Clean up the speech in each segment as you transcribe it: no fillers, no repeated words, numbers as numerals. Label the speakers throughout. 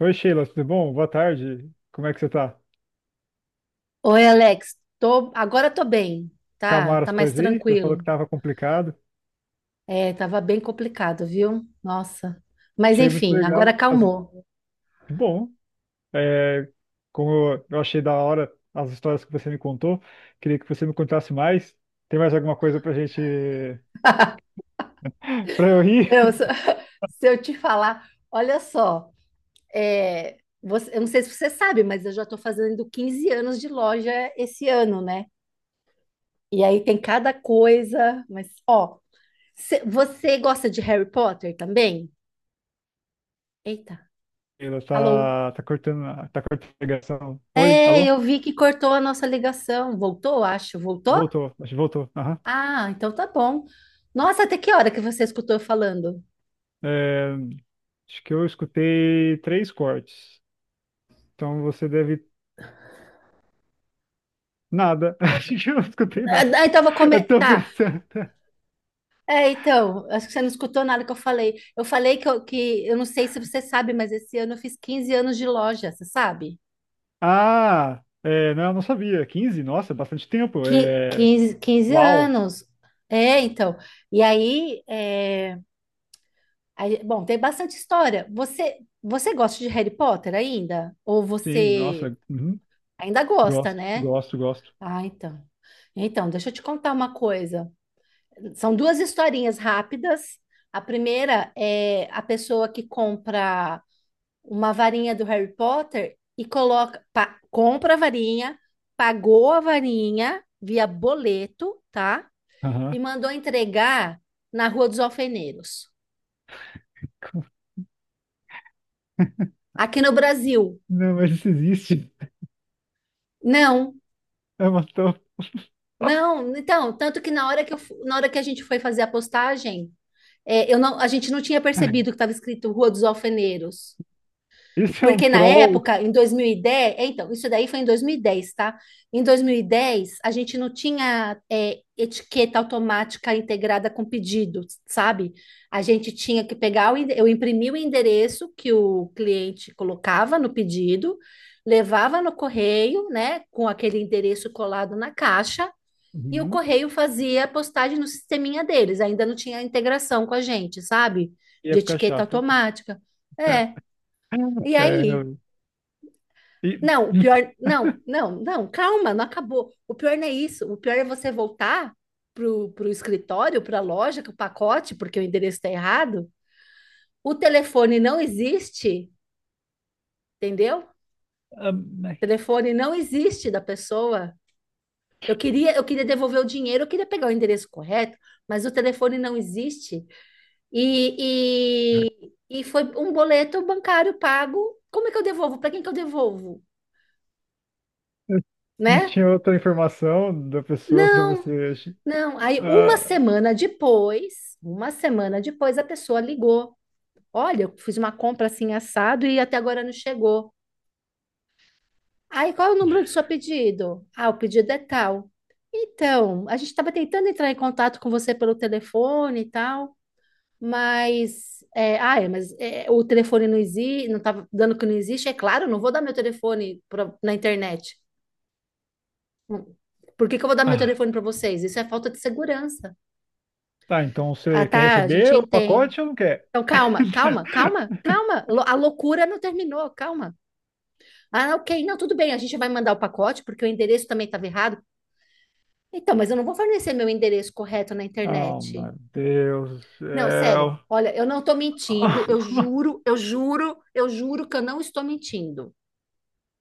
Speaker 1: Oi, Sheila, tudo bom? Boa tarde. Como é que você tá?
Speaker 2: Oi, Alex. Agora tô bem, tá?
Speaker 1: Calmaram
Speaker 2: Tá
Speaker 1: as
Speaker 2: mais
Speaker 1: coisas aí? Você falou que
Speaker 2: tranquilo.
Speaker 1: tava complicado.
Speaker 2: É, tava bem complicado, viu? Nossa. Mas
Speaker 1: Achei muito
Speaker 2: enfim, agora
Speaker 1: legal. As...
Speaker 2: acalmou.
Speaker 1: Que bom. é, Como eu achei da hora as histórias que você me contou, queria que você me contasse mais. Tem mais alguma coisa pra gente pra eu rir?
Speaker 2: Se se eu te falar, olha só, eu não sei se você sabe, mas eu já tô fazendo 15 anos de loja esse ano, né? E aí tem cada coisa, mas ó, você gosta de Harry Potter também? Eita,
Speaker 1: Sheila,
Speaker 2: alô?
Speaker 1: tá, tá cortando, tá cortando a ligação. Oi,
Speaker 2: É, eu
Speaker 1: alô?
Speaker 2: vi que cortou a nossa ligação. Voltou, acho. Voltou?
Speaker 1: Voltou, acho que voltou. Aham.
Speaker 2: Ah, então tá bom. Nossa, até que hora que você escutou eu falando?
Speaker 1: É, acho que eu escutei três cortes. Então você deve... Nada. A gente não escutei
Speaker 2: Ah,
Speaker 1: nada.
Speaker 2: ah, então eu vou comer.
Speaker 1: Eu tô
Speaker 2: Tá.
Speaker 1: pensando.
Speaker 2: É, então, acho que você não escutou nada que eu falei. Eu falei que que eu não sei se você sabe, mas esse ano eu fiz 15 anos de loja, você sabe?
Speaker 1: Ah, é, não, eu não sabia. Quinze, nossa, é bastante tempo. É,
Speaker 2: 15, 15
Speaker 1: uau.
Speaker 2: anos. É, então. E aí, bom, tem bastante história. Você gosta de Harry Potter ainda? Ou
Speaker 1: Sim,
Speaker 2: você
Speaker 1: nossa. Uhum.
Speaker 2: ainda gosta,
Speaker 1: Gosto,
Speaker 2: né?
Speaker 1: gosto, gosto.
Speaker 2: Ah, então. Então, deixa eu te contar uma coisa. São duas historinhas rápidas. A primeira é a pessoa que compra uma varinha do Harry Potter e compra a varinha, pagou a varinha via boleto, tá?
Speaker 1: Aham.
Speaker 2: E mandou entregar na Rua dos Alfeneiros. Aqui no Brasil,
Speaker 1: Não, mas isso existe.
Speaker 2: não,
Speaker 1: É uma to-
Speaker 2: não. Então, tanto que na hora que a gente foi fazer a postagem, é, eu não, a gente não tinha percebido que estava escrito Rua dos Alfeneiros.
Speaker 1: Isso é um
Speaker 2: Porque na
Speaker 1: troll.
Speaker 2: época, em 2010, é, então, isso daí foi em 2010, tá? Em 2010, a gente não tinha etiqueta automática integrada com pedido, sabe? A gente tinha que eu imprimi o endereço que o cliente colocava no pedido, levava no correio, né, com aquele endereço colado na caixa, e o
Speaker 1: Uhum.
Speaker 2: correio fazia a postagem no sisteminha deles. Ainda não tinha integração com a gente, sabe?
Speaker 1: E
Speaker 2: De
Speaker 1: época
Speaker 2: etiqueta
Speaker 1: chata.
Speaker 2: automática. É. E
Speaker 1: É,
Speaker 2: aí?
Speaker 1: e-
Speaker 2: Não, o pior. Não, não, não, calma, não acabou. O pior não é isso. O pior é você voltar pro escritório, para a loja, com o pacote, porque o endereço está errado. O telefone não existe, entendeu? O
Speaker 1: Ah, mas...
Speaker 2: telefone não existe da pessoa. Eu queria devolver o dinheiro, eu queria pegar o endereço correto, mas o telefone não existe. E foi um boleto bancário pago. Como é que eu devolvo? Para quem que eu devolvo?
Speaker 1: Não
Speaker 2: Né?
Speaker 1: tinha outra informação da pessoa pra
Speaker 2: Não.
Speaker 1: você.
Speaker 2: Não, aí uma semana depois a pessoa ligou. Olha, eu fiz uma compra assim assado e até agora não chegou. Aí qual é o número do seu pedido? Ah, o pedido é tal. Então, a gente estava tentando entrar em contato com você pelo telefone e tal, mas o telefone não existe, não estava dando que não existe. É claro, eu não vou dar meu telefone na internet. Por que que eu vou dar meu
Speaker 1: Ah, ah.
Speaker 2: telefone para vocês? Isso é falta de segurança.
Speaker 1: Tá, então
Speaker 2: Ah,
Speaker 1: você quer
Speaker 2: tá, a gente
Speaker 1: receber o
Speaker 2: entende.
Speaker 1: pacote ou não quer?
Speaker 2: Então, calma, calma, calma, calma. A loucura não terminou, calma. Ah, ok, não, tudo bem, a gente vai mandar o pacote, porque o endereço também estava errado. Então, mas eu não vou fornecer meu endereço correto na
Speaker 1: Oh,
Speaker 2: internet.
Speaker 1: meu Deus do
Speaker 2: Não, sério,
Speaker 1: céu.
Speaker 2: olha, eu não estou mentindo, eu juro, eu juro, eu juro que eu não estou mentindo.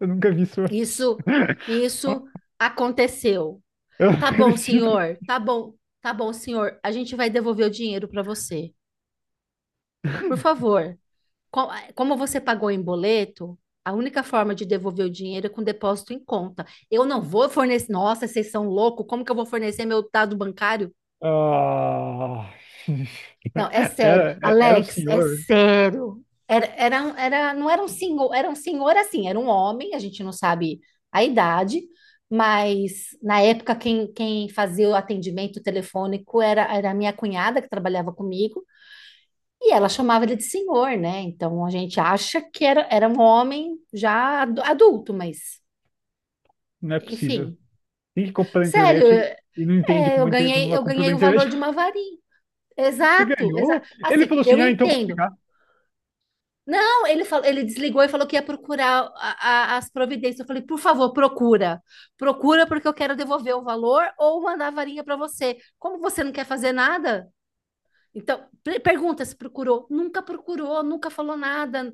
Speaker 1: Eu nunca vi isso antes.
Speaker 2: Isso, isso aconteceu.
Speaker 1: Eu não
Speaker 2: Tá bom,
Speaker 1: acredito.
Speaker 2: senhor, tá bom, tá bom, senhor, a gente vai devolver o dinheiro para você. Por favor. Como você pagou em boleto, a única forma de devolver o dinheiro é com depósito em conta. Eu não vou fornecer. Nossa, vocês são loucos. Como que eu vou fornecer meu dado bancário?
Speaker 1: Ah,
Speaker 2: Não, é sério.
Speaker 1: era, era o
Speaker 2: Alex, é
Speaker 1: senhor.
Speaker 2: sério. Não era um senhor, era um senhor assim, era um homem, a gente não sabe a idade, mas na época quem fazia o atendimento telefônico era a minha cunhada que trabalhava comigo. E ela chamava ele de senhor, né? Então a gente acha que era um homem já adulto, mas
Speaker 1: Não é possível.
Speaker 2: enfim.
Speaker 1: Quem que compra na
Speaker 2: Sério,
Speaker 1: internet e não entende
Speaker 2: eu
Speaker 1: como, como
Speaker 2: ganhei,
Speaker 1: uma
Speaker 2: eu
Speaker 1: compra na
Speaker 2: ganhei o
Speaker 1: internet?
Speaker 2: valor de uma varinha.
Speaker 1: Você
Speaker 2: Exato, exato.
Speaker 1: ganhou? Ele
Speaker 2: Assim,
Speaker 1: falou
Speaker 2: eu
Speaker 1: assim: ah, então pode
Speaker 2: entendo.
Speaker 1: ficar.
Speaker 2: Não, ele falou, ele desligou e falou que ia procurar as providências. Eu falei, por favor, procura. Procura porque eu quero devolver o valor ou mandar a varinha para você. Como você não quer fazer nada? Então, pergunta se procurou. Nunca procurou, nunca falou nada.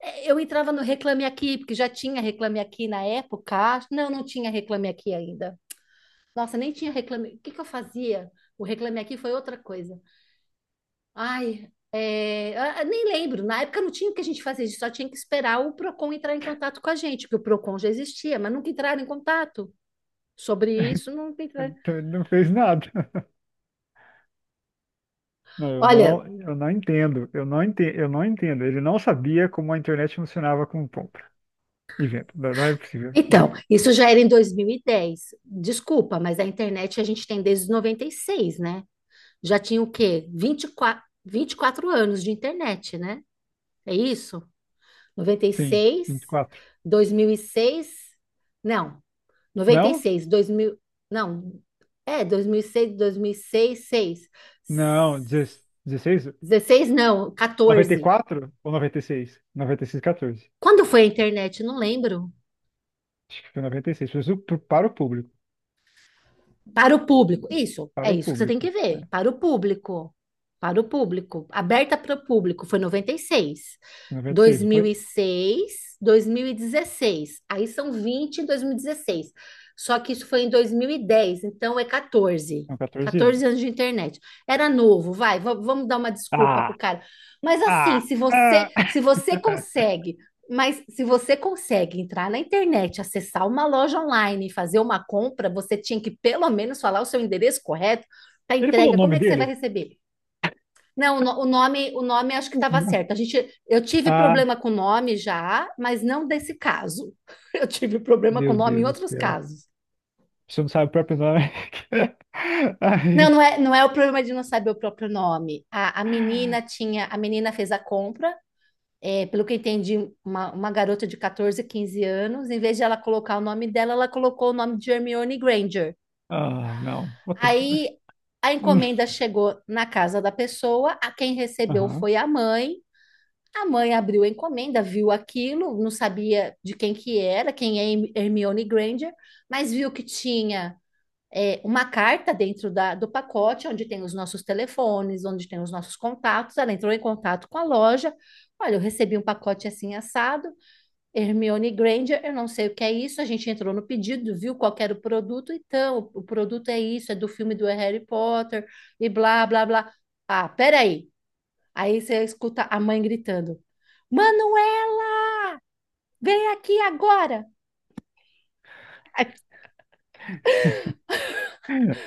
Speaker 2: Eu entrava no Reclame Aqui, porque já tinha Reclame Aqui na época. Não, não tinha Reclame Aqui ainda. Nossa, nem tinha Reclame. O que que eu fazia? O Reclame Aqui foi outra coisa. Ai, nem lembro, na época não tinha o que a gente fazer, a gente só tinha que esperar o PROCON entrar em contato com a gente, porque o PROCON já existia, mas nunca entraram em contato sobre isso, não, entraram.
Speaker 1: Então, ele não fez nada. Não,
Speaker 2: Olha,
Speaker 1: eu não entendo. Eu não entendo, eu não entendo. Ele não sabia como a internet funcionava com compra e venda. Não, não é possível. Não.
Speaker 2: então, isso já era em 2010. Desculpa, mas a internet a gente tem desde os 96, né? Já tinha o quê? Vinte e quatro anos de internet, né? É isso? Noventa e
Speaker 1: Sim,
Speaker 2: seis,
Speaker 1: vinte e quatro.
Speaker 2: 2006? Não. Noventa e
Speaker 1: Não?
Speaker 2: seis, dois mil? Não, é 2006, seis, seis,
Speaker 1: Não, dezesseis, dezesseis?
Speaker 2: 16? Não,
Speaker 1: Noventa e
Speaker 2: 14.
Speaker 1: quatro ou noventa... Noventa e seis? Noventa e seis, 14.
Speaker 2: Quando foi a internet? Não lembro.
Speaker 1: Acho que foi 96. Para o público.
Speaker 2: Para o público. Isso, é
Speaker 1: Para o
Speaker 2: isso que você tem
Speaker 1: público.
Speaker 2: que
Speaker 1: Né?
Speaker 2: ver. Para o público. Para o público. Aberta para o público. Foi noventa e seis, dois
Speaker 1: 96,
Speaker 2: dois
Speaker 1: não
Speaker 2: mil
Speaker 1: foi?
Speaker 2: e seis, 2016. Aí são 20 em 2016. Só que isso foi em 2010, então é 14.
Speaker 1: Com 14
Speaker 2: 14
Speaker 1: anos.
Speaker 2: anos de internet. Era novo, vamos dar uma desculpa pro
Speaker 1: Ah,
Speaker 2: cara. Mas assim,
Speaker 1: ah, ah.
Speaker 2: se você consegue entrar na internet, acessar uma loja online e fazer uma compra, você tinha que pelo menos falar o seu endereço correto para
Speaker 1: Ele falou o
Speaker 2: entrega. Como
Speaker 1: nome
Speaker 2: é que você vai
Speaker 1: dele?
Speaker 2: receber? Não, o no- o nome acho que estava certo. Eu tive
Speaker 1: Ah,
Speaker 2: problema com o nome já, mas não desse caso. Eu tive problema com o
Speaker 1: meu
Speaker 2: nome em
Speaker 1: Deus do
Speaker 2: outros
Speaker 1: céu.
Speaker 2: casos.
Speaker 1: Você não sabe o próprio nome.
Speaker 2: Não,
Speaker 1: Ai.
Speaker 2: não é o problema de não saber o próprio nome. A menina fez a compra, pelo que eu entendi, uma garota de 14, 15 anos, em vez de ela colocar o nome dela, ela colocou o nome de Hermione Granger.
Speaker 1: Ah, não. Puta...
Speaker 2: Aí a encomenda chegou na casa da pessoa, a quem recebeu
Speaker 1: Aham.
Speaker 2: foi a mãe. A mãe abriu a encomenda, viu aquilo, não sabia de quem que era, quem é Hermione Granger, mas viu que tinha uma carta dentro do pacote, onde tem os nossos telefones, onde tem os nossos contatos. Ela entrou em contato com a loja. Olha, eu recebi um pacote assim assado. Hermione Granger, eu não sei o que é isso. A gente entrou no pedido, viu qual que era o produto, então o produto é isso, é do filme do Harry Potter e blá blá blá. Ah, peraí. Aí você escuta a mãe gritando: Manoel, vem aqui agora. Ai,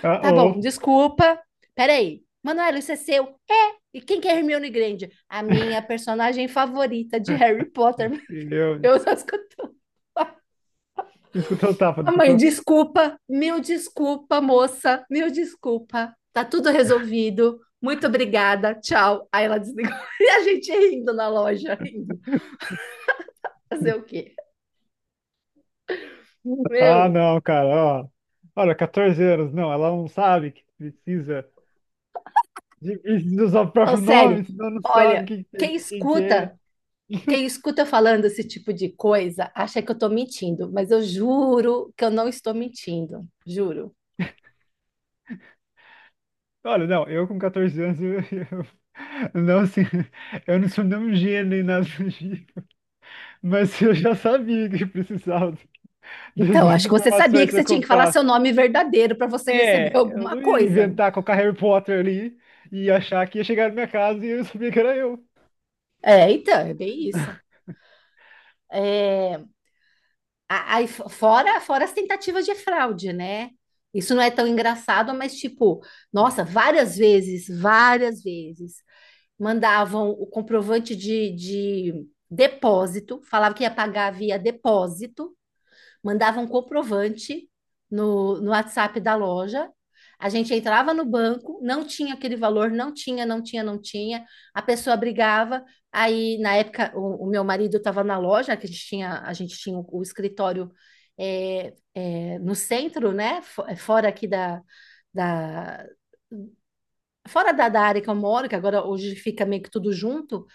Speaker 1: Ah,
Speaker 2: tá
Speaker 1: oh,
Speaker 2: bom, desculpa. Peraí. Manoel, isso é seu? É. E quem que é Hermione Granger? A minha personagem favorita de Harry Potter.
Speaker 1: eu...
Speaker 2: Eu só escutei.
Speaker 1: Escutou o tapa, não
Speaker 2: A mãe,
Speaker 1: escutou?
Speaker 2: desculpa, mil desculpa, moça, mil desculpa. Tá tudo resolvido. Muito obrigada, tchau. Aí ela desligou. E a gente rindo na loja, rindo. Fazer o quê?
Speaker 1: Ah,
Speaker 2: Meu,
Speaker 1: não, cara, ó. Olha, 14 anos, não, ela não sabe que precisa de, precisa usar o
Speaker 2: não,
Speaker 1: próprio
Speaker 2: sério.
Speaker 1: nome, senão não sabe
Speaker 2: Olha,
Speaker 1: quem, que é,
Speaker 2: quem
Speaker 1: de quem que é.
Speaker 2: escuta, quem escuta eu falando esse tipo de coisa, acha que eu tô mentindo, mas eu juro que eu não estou mentindo, juro.
Speaker 1: Olha, não, eu com 14 anos, não, assim, eu não sou nem um gênio nem nada do tipo, mas eu já sabia que precisava das
Speaker 2: Então,
Speaker 1: minhas
Speaker 2: acho que você sabia
Speaker 1: informações
Speaker 2: que
Speaker 1: se
Speaker 2: você
Speaker 1: eu
Speaker 2: tinha que falar
Speaker 1: comprasse.
Speaker 2: seu nome verdadeiro para você receber
Speaker 1: É, eu
Speaker 2: alguma
Speaker 1: não ia
Speaker 2: coisa, né?
Speaker 1: inventar colocar Harry Potter ali e achar que ia chegar na minha casa e eu sabia que era eu.
Speaker 2: É, então, é bem isso. É, Aí, fora as tentativas de fraude, né? Isso não é tão engraçado, mas tipo,
Speaker 1: Hum.
Speaker 2: nossa, várias vezes, mandavam o comprovante de depósito, falava que ia pagar via depósito, mandava um comprovante no WhatsApp da loja. A gente entrava no banco, não tinha aquele valor, não tinha, não tinha, não tinha. A pessoa brigava. Aí, na época, o meu marido estava na loja, que a gente tinha, a gente tinha o escritório no centro, né? Fora aqui da, da área que eu moro, que agora hoje fica meio que tudo junto.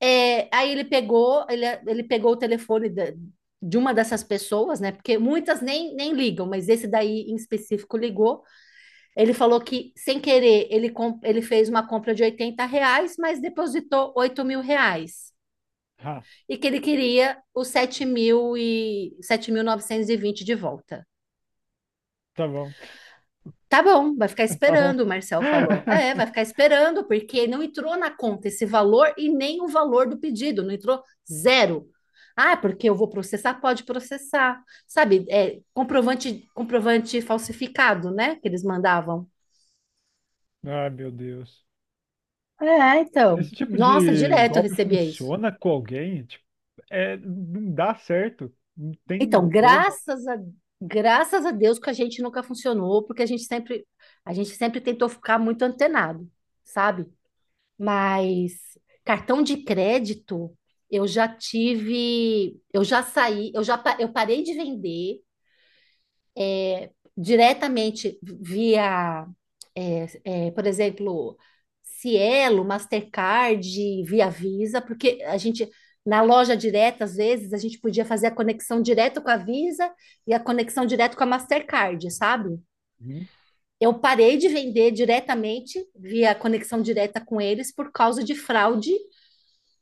Speaker 2: É, aí ele pegou o telefone de uma dessas pessoas, né? Porque muitas nem ligam, mas esse daí em específico ligou. Ele falou que, sem querer, ele fez uma compra de R$ 80, mas depositou R$ 8.000.
Speaker 1: Ah,
Speaker 2: E que ele queria os sete mil novecentos e vinte de volta.
Speaker 1: tá bom,
Speaker 2: Tá bom, vai ficar
Speaker 1: tá
Speaker 2: esperando,
Speaker 1: bom.
Speaker 2: o Marcel falou. É, vai ficar esperando, porque não entrou na conta esse valor e nem o valor do pedido, não entrou zero. Ah, porque eu vou processar? Pode processar. Sabe, comprovante falsificado, né? Que eles mandavam.
Speaker 1: Ah, meu Deus.
Speaker 2: É, então.
Speaker 1: Esse tipo
Speaker 2: Nossa,
Speaker 1: de
Speaker 2: direto eu
Speaker 1: golpe
Speaker 2: recebia isso.
Speaker 1: funciona com alguém? Tipo, é, não dá certo. Não tem
Speaker 2: Então,
Speaker 1: como.
Speaker 2: graças a Deus que a gente nunca funcionou, porque a gente sempre tentou ficar muito antenado, sabe? Mas cartão de crédito, eu já tive, eu já saí, eu já pa- eu parei de vender diretamente via, por exemplo, Cielo, Mastercard, via Visa, porque a gente na loja direta, às vezes, a gente podia fazer a conexão direto com a Visa e a conexão direto com a Mastercard, sabe?
Speaker 1: Uhum.
Speaker 2: Eu parei de vender diretamente via conexão direta com eles por causa de fraude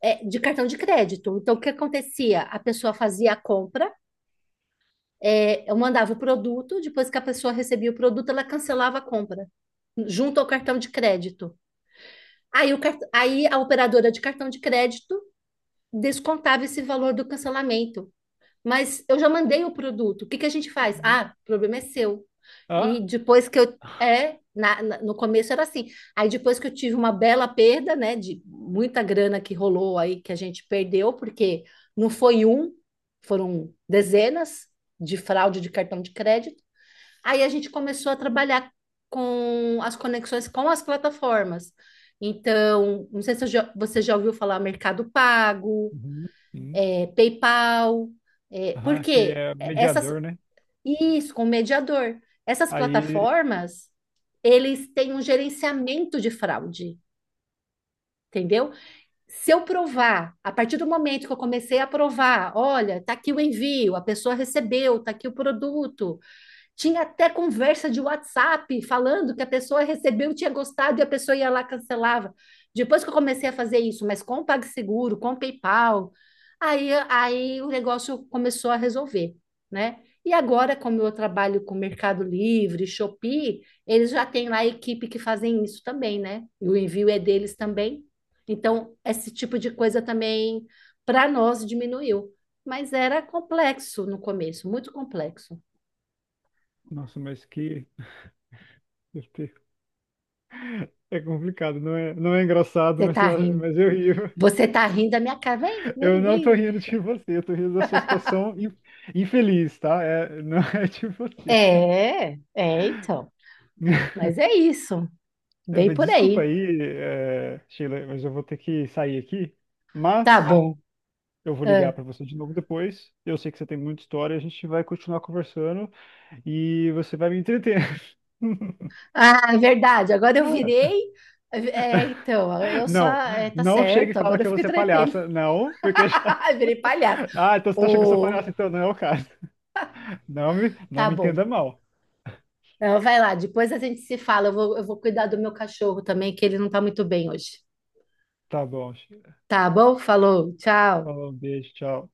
Speaker 2: é, de cartão de crédito. Então, o que acontecia? A pessoa fazia a compra, eu mandava o produto, depois que a pessoa recebia o produto, ela cancelava a compra, junto ao cartão de crédito. Aí, aí a operadora de cartão de crédito descontava esse valor do cancelamento. Mas eu já mandei o produto. O que que a gente faz? Ah, o problema é seu. E
Speaker 1: Ah,
Speaker 2: depois que eu. É, no começo era assim. Aí depois que eu tive uma bela perda, né, de muita grana que rolou aí, que a gente perdeu, porque não foi um, foram dezenas de fraude de cartão de crédito. Aí a gente começou a trabalhar com as conexões com as plataformas. Então, não sei se você já ouviu falar Mercado Pago,
Speaker 1: uhum, sim.
Speaker 2: PayPal,
Speaker 1: Aham, que
Speaker 2: porque
Speaker 1: é
Speaker 2: essas,
Speaker 1: mediador, né?
Speaker 2: isso, com mediador. Essas
Speaker 1: Aí,
Speaker 2: plataformas, eles têm um gerenciamento de fraude, entendeu? Se eu provar, a partir do momento que eu comecei a provar, olha, tá aqui o envio, a pessoa recebeu, tá aqui o produto, tinha até conversa de WhatsApp falando que a pessoa recebeu, tinha gostado e a pessoa ia lá e cancelava. Depois que eu comecei a fazer isso, mas com o PagSeguro, com o PayPal, aí o negócio começou a resolver, né? E agora, como eu trabalho com Mercado Livre, Shopee, eles já têm lá a equipe que fazem isso também, né? E o envio é deles também. Então, esse tipo de coisa também, para nós, diminuiu. Mas era complexo no começo, muito complexo.
Speaker 1: nossa, mas que... É complicado, não é, não é engraçado,
Speaker 2: Você tá rindo.
Speaker 1: mas eu ri.
Speaker 2: Você tá rindo da minha cara. Vem,
Speaker 1: Eu
Speaker 2: vem,
Speaker 1: não tô
Speaker 2: vem.
Speaker 1: rindo de você, eu tô rindo da sua situação infeliz, tá? É, não é de você.
Speaker 2: Então, mas é isso.
Speaker 1: É,
Speaker 2: Bem
Speaker 1: mas...
Speaker 2: por
Speaker 1: Desculpa
Speaker 2: aí.
Speaker 1: aí, é, Sheila, mas eu vou ter que sair aqui.
Speaker 2: Tá. Ah,
Speaker 1: Mas
Speaker 2: bom.
Speaker 1: eu vou
Speaker 2: Ah,
Speaker 1: ligar para você de novo depois. Eu sei que você tem muita história, a gente vai continuar conversando e você vai me entreter.
Speaker 2: Ah, é verdade. Agora eu virei. É, então, eu só.
Speaker 1: Não,
Speaker 2: É, tá
Speaker 1: não chega e
Speaker 2: certo.
Speaker 1: fala
Speaker 2: Agora eu
Speaker 1: que eu vou
Speaker 2: fico
Speaker 1: ser
Speaker 2: entretendo.
Speaker 1: palhaça, não, porque já...
Speaker 2: Virei palhaço.
Speaker 1: Ah, então você tá achando que eu sou
Speaker 2: Ô,
Speaker 1: palhaça, então não é o caso. Não
Speaker 2: tá
Speaker 1: me
Speaker 2: bom.
Speaker 1: entenda mal.
Speaker 2: Então, vai lá. Depois a gente se fala. Eu vou cuidar do meu cachorro também, que ele não tá muito bem hoje.
Speaker 1: Tá bom, Sheila.
Speaker 2: Tá bom? Falou. Tchau.
Speaker 1: Falou, um beijo, tchau.